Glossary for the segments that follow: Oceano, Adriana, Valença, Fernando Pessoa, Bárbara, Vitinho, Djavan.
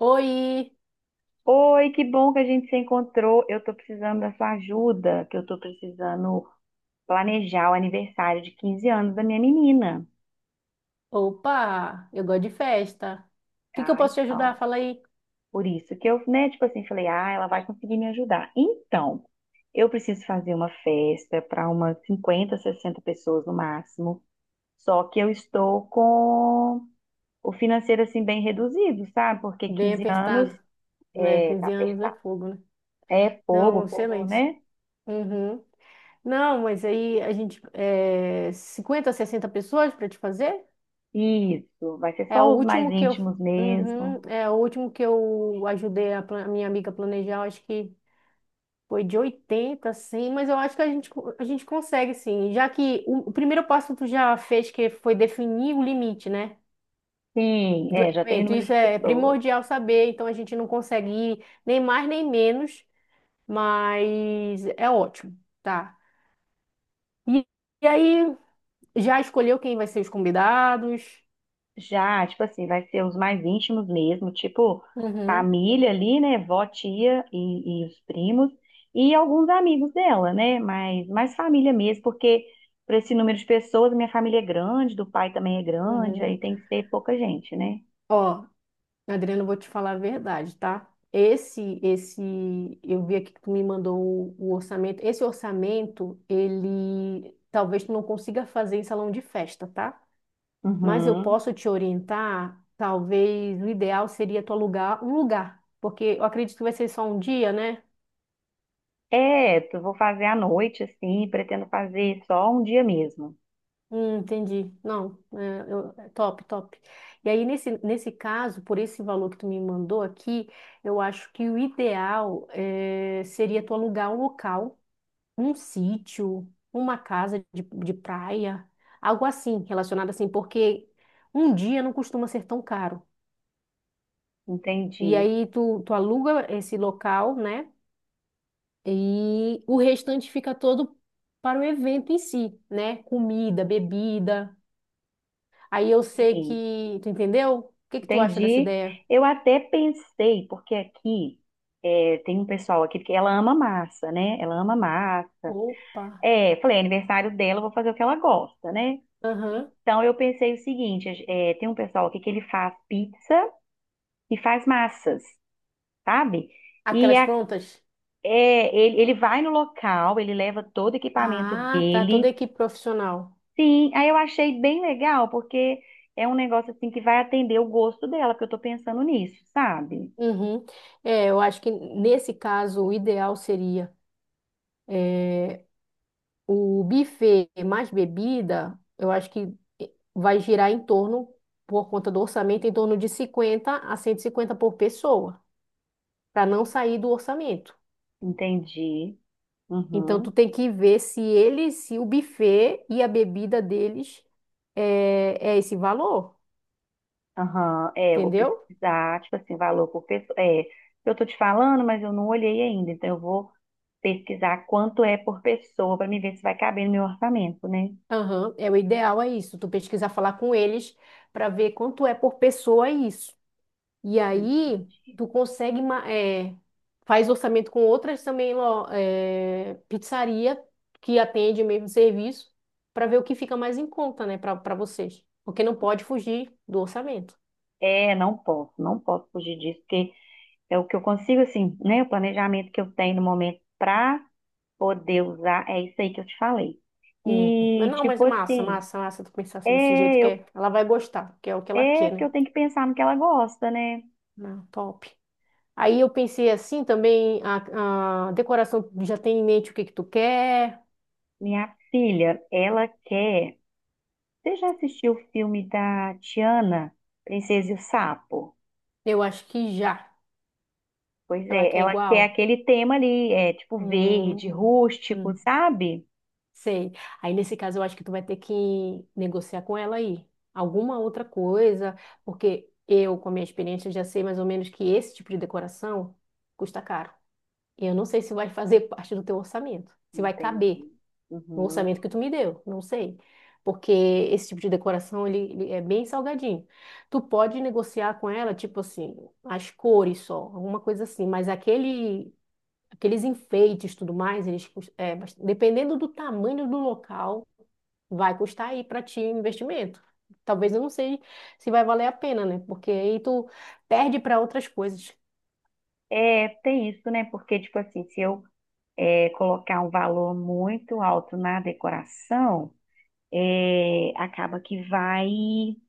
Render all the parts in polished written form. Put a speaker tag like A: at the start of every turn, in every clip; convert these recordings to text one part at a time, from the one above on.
A: Oi!
B: Oi, que bom que a gente se encontrou. Eu tô precisando da sua ajuda, que eu tô precisando planejar o aniversário de 15 anos da minha menina.
A: Opa! Eu gosto de festa. O que que eu
B: Ah,
A: posso te
B: então.
A: ajudar? Fala aí.
B: Por isso que eu, né, tipo assim, falei, ah, ela vai conseguir me ajudar. Então, eu preciso fazer uma festa para umas 50, 60 pessoas no máximo. Só que eu estou com o financeiro assim bem reduzido, sabe? Porque
A: Bem
B: 15 anos
A: apertado, né?
B: tá
A: 15 anos é
B: apertado.
A: fogo, né?
B: É fogo,
A: Não,
B: o povo,
A: excelência.
B: né?
A: Uhum. Não, mas aí a gente... É, 50, 60 pessoas para te fazer?
B: Isso, vai ser
A: É o
B: só os mais
A: último que eu...
B: íntimos mesmo.
A: Uhum, é o último que eu ajudei a minha amiga a planejar, eu acho que foi de 80, assim, mas eu acho que a gente consegue, sim. Já que o primeiro passo tu já fez, que foi definir o limite, né,
B: Sim,
A: do
B: é, já tem o
A: evento.
B: número de
A: Isso é
B: pessoas.
A: primordial saber, então a gente não consegue ir nem mais nem menos, mas é ótimo, tá? E, e aí, já escolheu quem vai ser os convidados?
B: Já, tipo assim, vai ser os mais íntimos mesmo, tipo
A: Uhum,
B: família ali, né? Vó, tia e os primos e alguns amigos dela, né? Mas mais família mesmo, porque para esse número de pessoas, minha família é grande, do pai também é grande, aí
A: uhum.
B: tem que ser pouca gente, né?
A: Ó, Adriana, eu vou te falar a verdade, tá? Esse, esse, eu vi aqui que tu me mandou o orçamento. Esse orçamento, ele talvez tu não consiga fazer em salão de festa, tá, mas eu
B: Uhum.
A: posso te orientar. Talvez o ideal seria tu alugar um lugar, porque eu acredito que vai ser só um dia, né?
B: É, eu vou fazer à noite, assim, pretendo fazer só um dia mesmo.
A: Entendi. Não, é, é top, top. E aí, nesse caso, por esse valor que tu me mandou aqui, eu acho que o ideal seria tu alugar um local, um sítio, uma casa de praia, algo assim, relacionado assim, porque um dia não costuma ser tão caro. E
B: Entendi.
A: aí, tu aluga esse local, né? E o restante fica todo para o evento em si, né? Comida, bebida. Aí tu entendeu? O que que tu acha dessa
B: Entendi.
A: ideia?
B: Eu até pensei, porque aqui tem um pessoal aqui que ela ama massa, né? Ela ama massa.
A: Opa.
B: É, falei, é aniversário dela, eu vou fazer o que ela gosta, né?
A: Aham.
B: Então eu pensei o seguinte, tem um pessoal aqui que ele faz pizza e faz massas, sabe? E
A: Aquelas
B: a-
A: prontas?
B: ele vai no local, ele leva todo o equipamento
A: Ah, tá, toda a
B: dele.
A: equipe profissional.
B: Sim, aí eu achei bem legal, porque é um negócio assim que vai atender o gosto dela, porque eu tô pensando nisso, sabe?
A: Uhum. É, eu acho que nesse caso o ideal seria é, o buffet mais bebida, eu acho que vai girar em torno, por conta do orçamento, em torno de 50 a 150 por pessoa. Para não sair do orçamento.
B: Entendi.
A: Então tu
B: Uhum.
A: tem que ver se se o buffet e a bebida deles é esse valor,
B: Aham, é, eu vou
A: entendeu?
B: pesquisar, tipo assim, valor por pessoa. Eu tô te falando, mas eu não olhei ainda, então eu vou pesquisar quanto é por pessoa para me ver se vai caber no meu orçamento, né?
A: Aham, o ideal é isso. Tu pesquisar, falar com eles para ver quanto é por pessoa é isso. E aí tu consegue faz orçamento com outras também pizzaria que atende o mesmo serviço para ver o que fica mais em conta, né, para vocês, porque não pode fugir do orçamento.
B: É, não posso, não posso fugir disso, porque é o que eu consigo, assim, né? O planejamento que eu tenho no momento para poder usar, é isso aí que eu te falei.
A: Mas
B: E,
A: não, mas
B: tipo
A: é massa,
B: assim,
A: massa, massa tu pensar assim desse
B: é,
A: jeito,
B: eu,
A: ela vai gostar, que é o que ela
B: é
A: quer,
B: porque eu
A: né?
B: tenho que pensar no que ela gosta, né?
A: Não, top. Aí eu pensei assim também, a decoração, tu já tem em mente o que que tu quer?
B: Minha filha, ela quer. Você já assistiu o filme da Tiana, Princesa e o Sapo?
A: Eu acho que já.
B: Pois
A: Ela
B: é,
A: quer
B: ela quer
A: igual?
B: aquele tema ali, é tipo verde,
A: Hum,
B: rústico,
A: hum,
B: sabe?
A: sei. Aí nesse caso eu acho que tu vai ter que negociar com ela aí. Alguma outra coisa, porque eu, com a minha experiência, já sei mais ou menos que esse tipo de decoração custa caro. E eu não sei se vai fazer parte do teu orçamento, se vai caber
B: Entendi.
A: no
B: Uhum.
A: orçamento que tu me deu, não sei. Porque esse tipo de decoração, ele é bem salgadinho. Tu pode negociar com ela, tipo assim, as cores só, alguma coisa assim, mas aqueles enfeites, tudo mais, eles, cus- é, bas- dependendo do tamanho do local, vai custar aí para ti o investimento. Talvez eu não sei se vai valer a pena, né? Porque aí tu perde para outras coisas.
B: É, tem isso, né? Porque, tipo assim, se eu colocar um valor muito alto na decoração, acaba que vai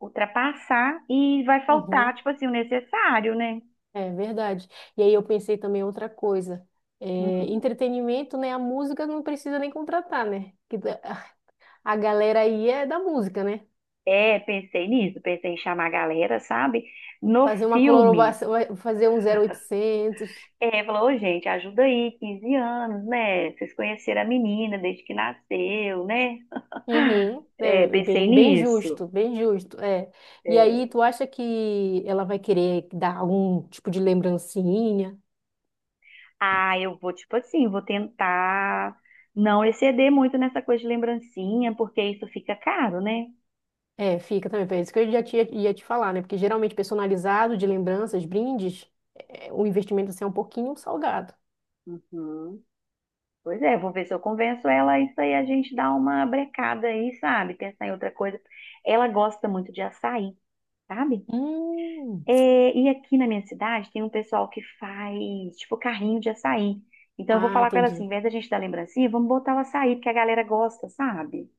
B: ultrapassar e vai faltar,
A: Uhum.
B: tipo assim, o necessário, né?
A: É verdade. E aí eu pensei também outra coisa. É,
B: Uhum.
A: entretenimento, né? A música não precisa nem contratar, né? A galera aí é da música, né?
B: É, pensei nisso, pensei em chamar a galera, sabe? No
A: Fazer uma
B: filme.
A: colaboração, fazer um 0800.
B: É, falou, "Ô, gente, ajuda aí, 15 anos, né? Vocês conheceram a menina desde que nasceu, né?
A: Uhum.
B: É,
A: É,
B: pensei
A: bem
B: nisso.
A: justo, bem justo, é. E
B: É,
A: aí, tu acha que ela vai querer dar algum tipo de lembrancinha?
B: ah, eu vou, tipo assim, vou tentar não exceder muito nessa coisa de lembrancinha, porque isso fica caro, né?
A: É, fica também, é isso que eu já tinha, ia te falar, né? Porque geralmente personalizado, de lembranças, brindes, o investimento assim, é um pouquinho salgado.
B: Uhum. Pois é, vou ver se eu convenço ela, isso aí a gente dá uma brecada aí, sabe? Pensar em outra coisa. Ela gosta muito de açaí, sabe?
A: Hum.
B: É, e aqui na minha cidade tem um pessoal que faz, tipo, carrinho de açaí. Então eu vou
A: Ah,
B: falar com ela assim, em
A: entendi.
B: vez da gente dar lembrancinha, vamos botar o açaí, porque a galera gosta, sabe?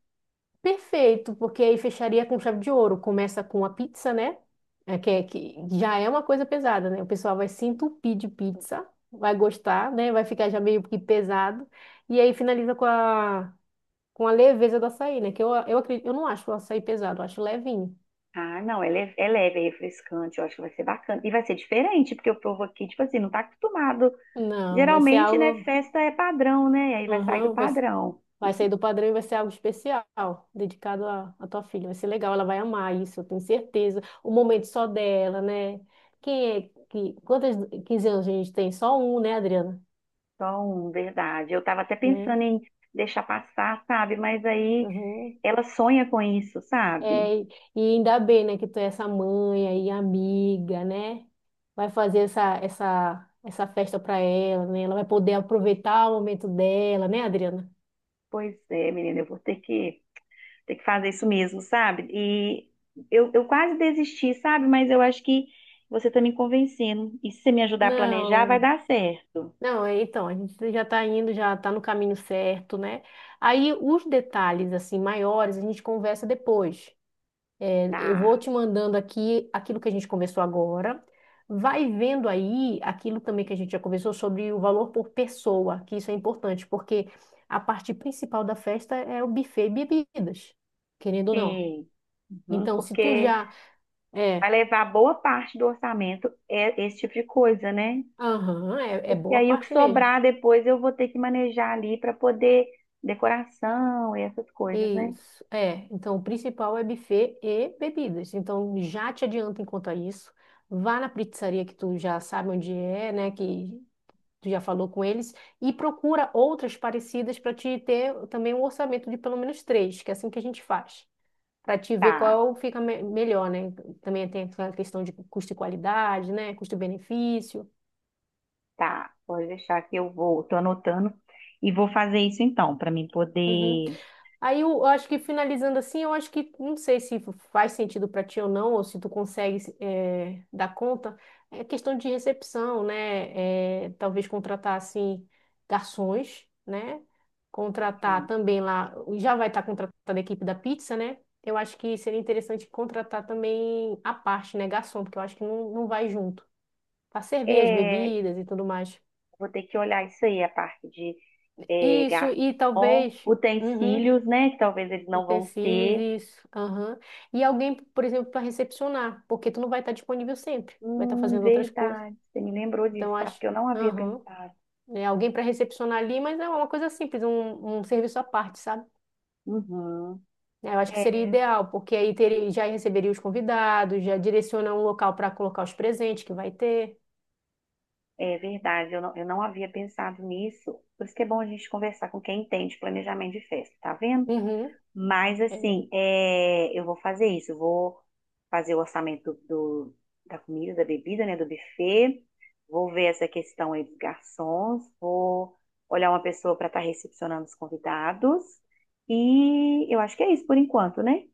A: Perfeito, porque aí fecharia com chave de ouro. Começa com a pizza, né? É que já é uma coisa pesada, né? O pessoal vai se entupir de pizza, vai gostar, né? Vai ficar já meio que pesado. E aí finaliza com a leveza do açaí, né? Que eu acredito, eu não acho o açaí pesado, eu acho levinho.
B: Ah, não, é leve, é leve, é refrescante, eu acho que vai ser bacana. E vai ser diferente, porque o povo aqui, tipo assim, não tá acostumado.
A: Não, vai ser
B: Geralmente, né,
A: algo.
B: festa é padrão, né? Aí vai sair do
A: Aham, vai
B: padrão.
A: Vai sair do padrão e vai ser algo especial, dedicado à tua filha. Vai ser legal, ela vai amar isso, eu tenho certeza. O momento só dela, né? Quem é que. Quantas 15 anos a gente tem? Só um, né, Adriana?
B: Então, verdade. Eu tava até
A: Né?
B: pensando em deixar passar, sabe? Mas aí
A: Uhum.
B: ela sonha com isso, sabe?
A: E ainda bem, né, que tu é essa mãe aí, amiga, né? Vai fazer essa festa pra ela, né? Ela vai poder aproveitar o momento dela, né, Adriana?
B: Pois é, menina, eu vou ter que tem que fazer isso mesmo, sabe? E eu quase desisti, sabe? Mas eu acho que você tá me convencendo. E se você me ajudar a planejar, vai
A: Não.
B: dar certo.
A: Não, então, a gente já está indo, já está no caminho certo, né? Aí os detalhes, assim, maiores, a gente conversa depois. É, eu
B: Tá.
A: vou te mandando aqui aquilo que a gente conversou agora. Vai vendo aí aquilo também que a gente já conversou sobre o valor por pessoa, que isso é importante, porque a parte principal da festa é o buffet e bebidas, querendo ou não.
B: Sim. Uhum,
A: Então, se tu
B: porque
A: já...
B: vai
A: É,
B: levar boa parte do orçamento é esse tipo de coisa, né?
A: aham, é
B: Porque
A: boa
B: aí o que
A: parte mesmo.
B: sobrar depois eu vou ter que manejar ali para poder decoração e essas coisas, né?
A: Isso, é. Então, o principal é buffet e bebidas. Então, já te adianta enquanto a isso. Vá na pizzaria que tu já sabe onde é, né? Que tu já falou com eles. E procura outras parecidas para te ter também um orçamento de pelo menos 3, que é assim que a gente faz. Para te ver
B: Tá,
A: qual fica melhor, né? Também tem a questão de custo e qualidade, né? Custo-benefício.
B: tá. Pode deixar que eu vou, tô anotando e vou fazer isso então, para mim
A: Uhum.
B: poder.
A: Aí eu acho que finalizando assim, eu acho que não sei se faz sentido para ti ou não, ou se tu consegue dar conta, é questão de recepção, né? Talvez contratar assim garçons, né? Contratar também lá, já vai estar contratada a equipe da pizza, né? Eu acho que seria interessante contratar também a parte, né, garçom, porque eu acho que não, não vai junto, para servir as
B: É,
A: bebidas e tudo mais.
B: vou ter que olhar isso aí, a parte de
A: Isso, e
B: garçom,
A: talvez. Uhum.
B: utensílios, né? Que talvez eles não vão
A: Utensílios,
B: ter.
A: isso. Aham. E alguém, por exemplo, para recepcionar, porque tu não vai estar disponível sempre, tu vai estar fazendo outras coisas.
B: Verdade. Você me lembrou
A: Então,
B: disso,
A: eu
B: tá?
A: acho.
B: Porque eu não havia
A: Aham.
B: pensado.
A: É, alguém para recepcionar ali, mas é uma coisa simples, um serviço à parte, sabe?
B: Uhum.
A: É, eu acho que seria
B: É,
A: ideal, porque aí teria, já receberia os convidados, já direciona um local para colocar os presentes que vai ter.
B: é verdade, eu não havia pensado nisso. Por isso que é bom a gente conversar com quem entende planejamento de festa, tá vendo?
A: Uhum.
B: Mas
A: é.
B: assim, é, eu vou fazer isso. Eu vou fazer o orçamento do- da comida, da bebida, né? Do buffet. Vou ver essa questão aí dos garçons. Vou olhar uma pessoa para estar recepcionando os convidados. E eu acho que é isso por enquanto, né?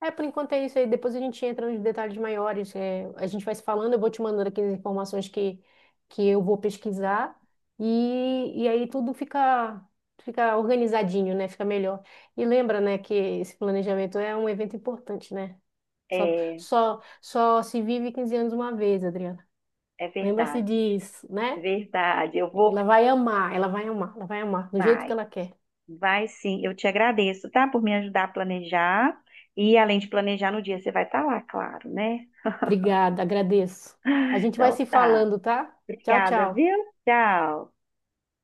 A: É, por enquanto é isso aí. Depois a gente entra nos detalhes maiores. É, a gente vai se falando, eu vou te mandando aqui as informações que eu vou pesquisar. E aí tudo fica organizadinho, né? Fica melhor. E lembra, né, que esse planejamento é um evento importante, né? Só,
B: É,
A: só, só se vive 15 anos uma vez, Adriana.
B: é
A: Lembra-se
B: verdade.
A: disso, né?
B: Verdade. Eu vou.
A: Ela vai amar, ela vai amar, ela vai amar, do jeito que
B: Vai,
A: ela quer.
B: vai sim. Eu te agradeço, tá? Por me ajudar a planejar. E além de planejar no dia, você vai estar lá, claro, né?
A: Obrigada, agradeço. A gente vai
B: Então
A: se
B: tá.
A: falando, tá? Tchau,
B: Obrigada,
A: tchau.
B: viu? Tchau.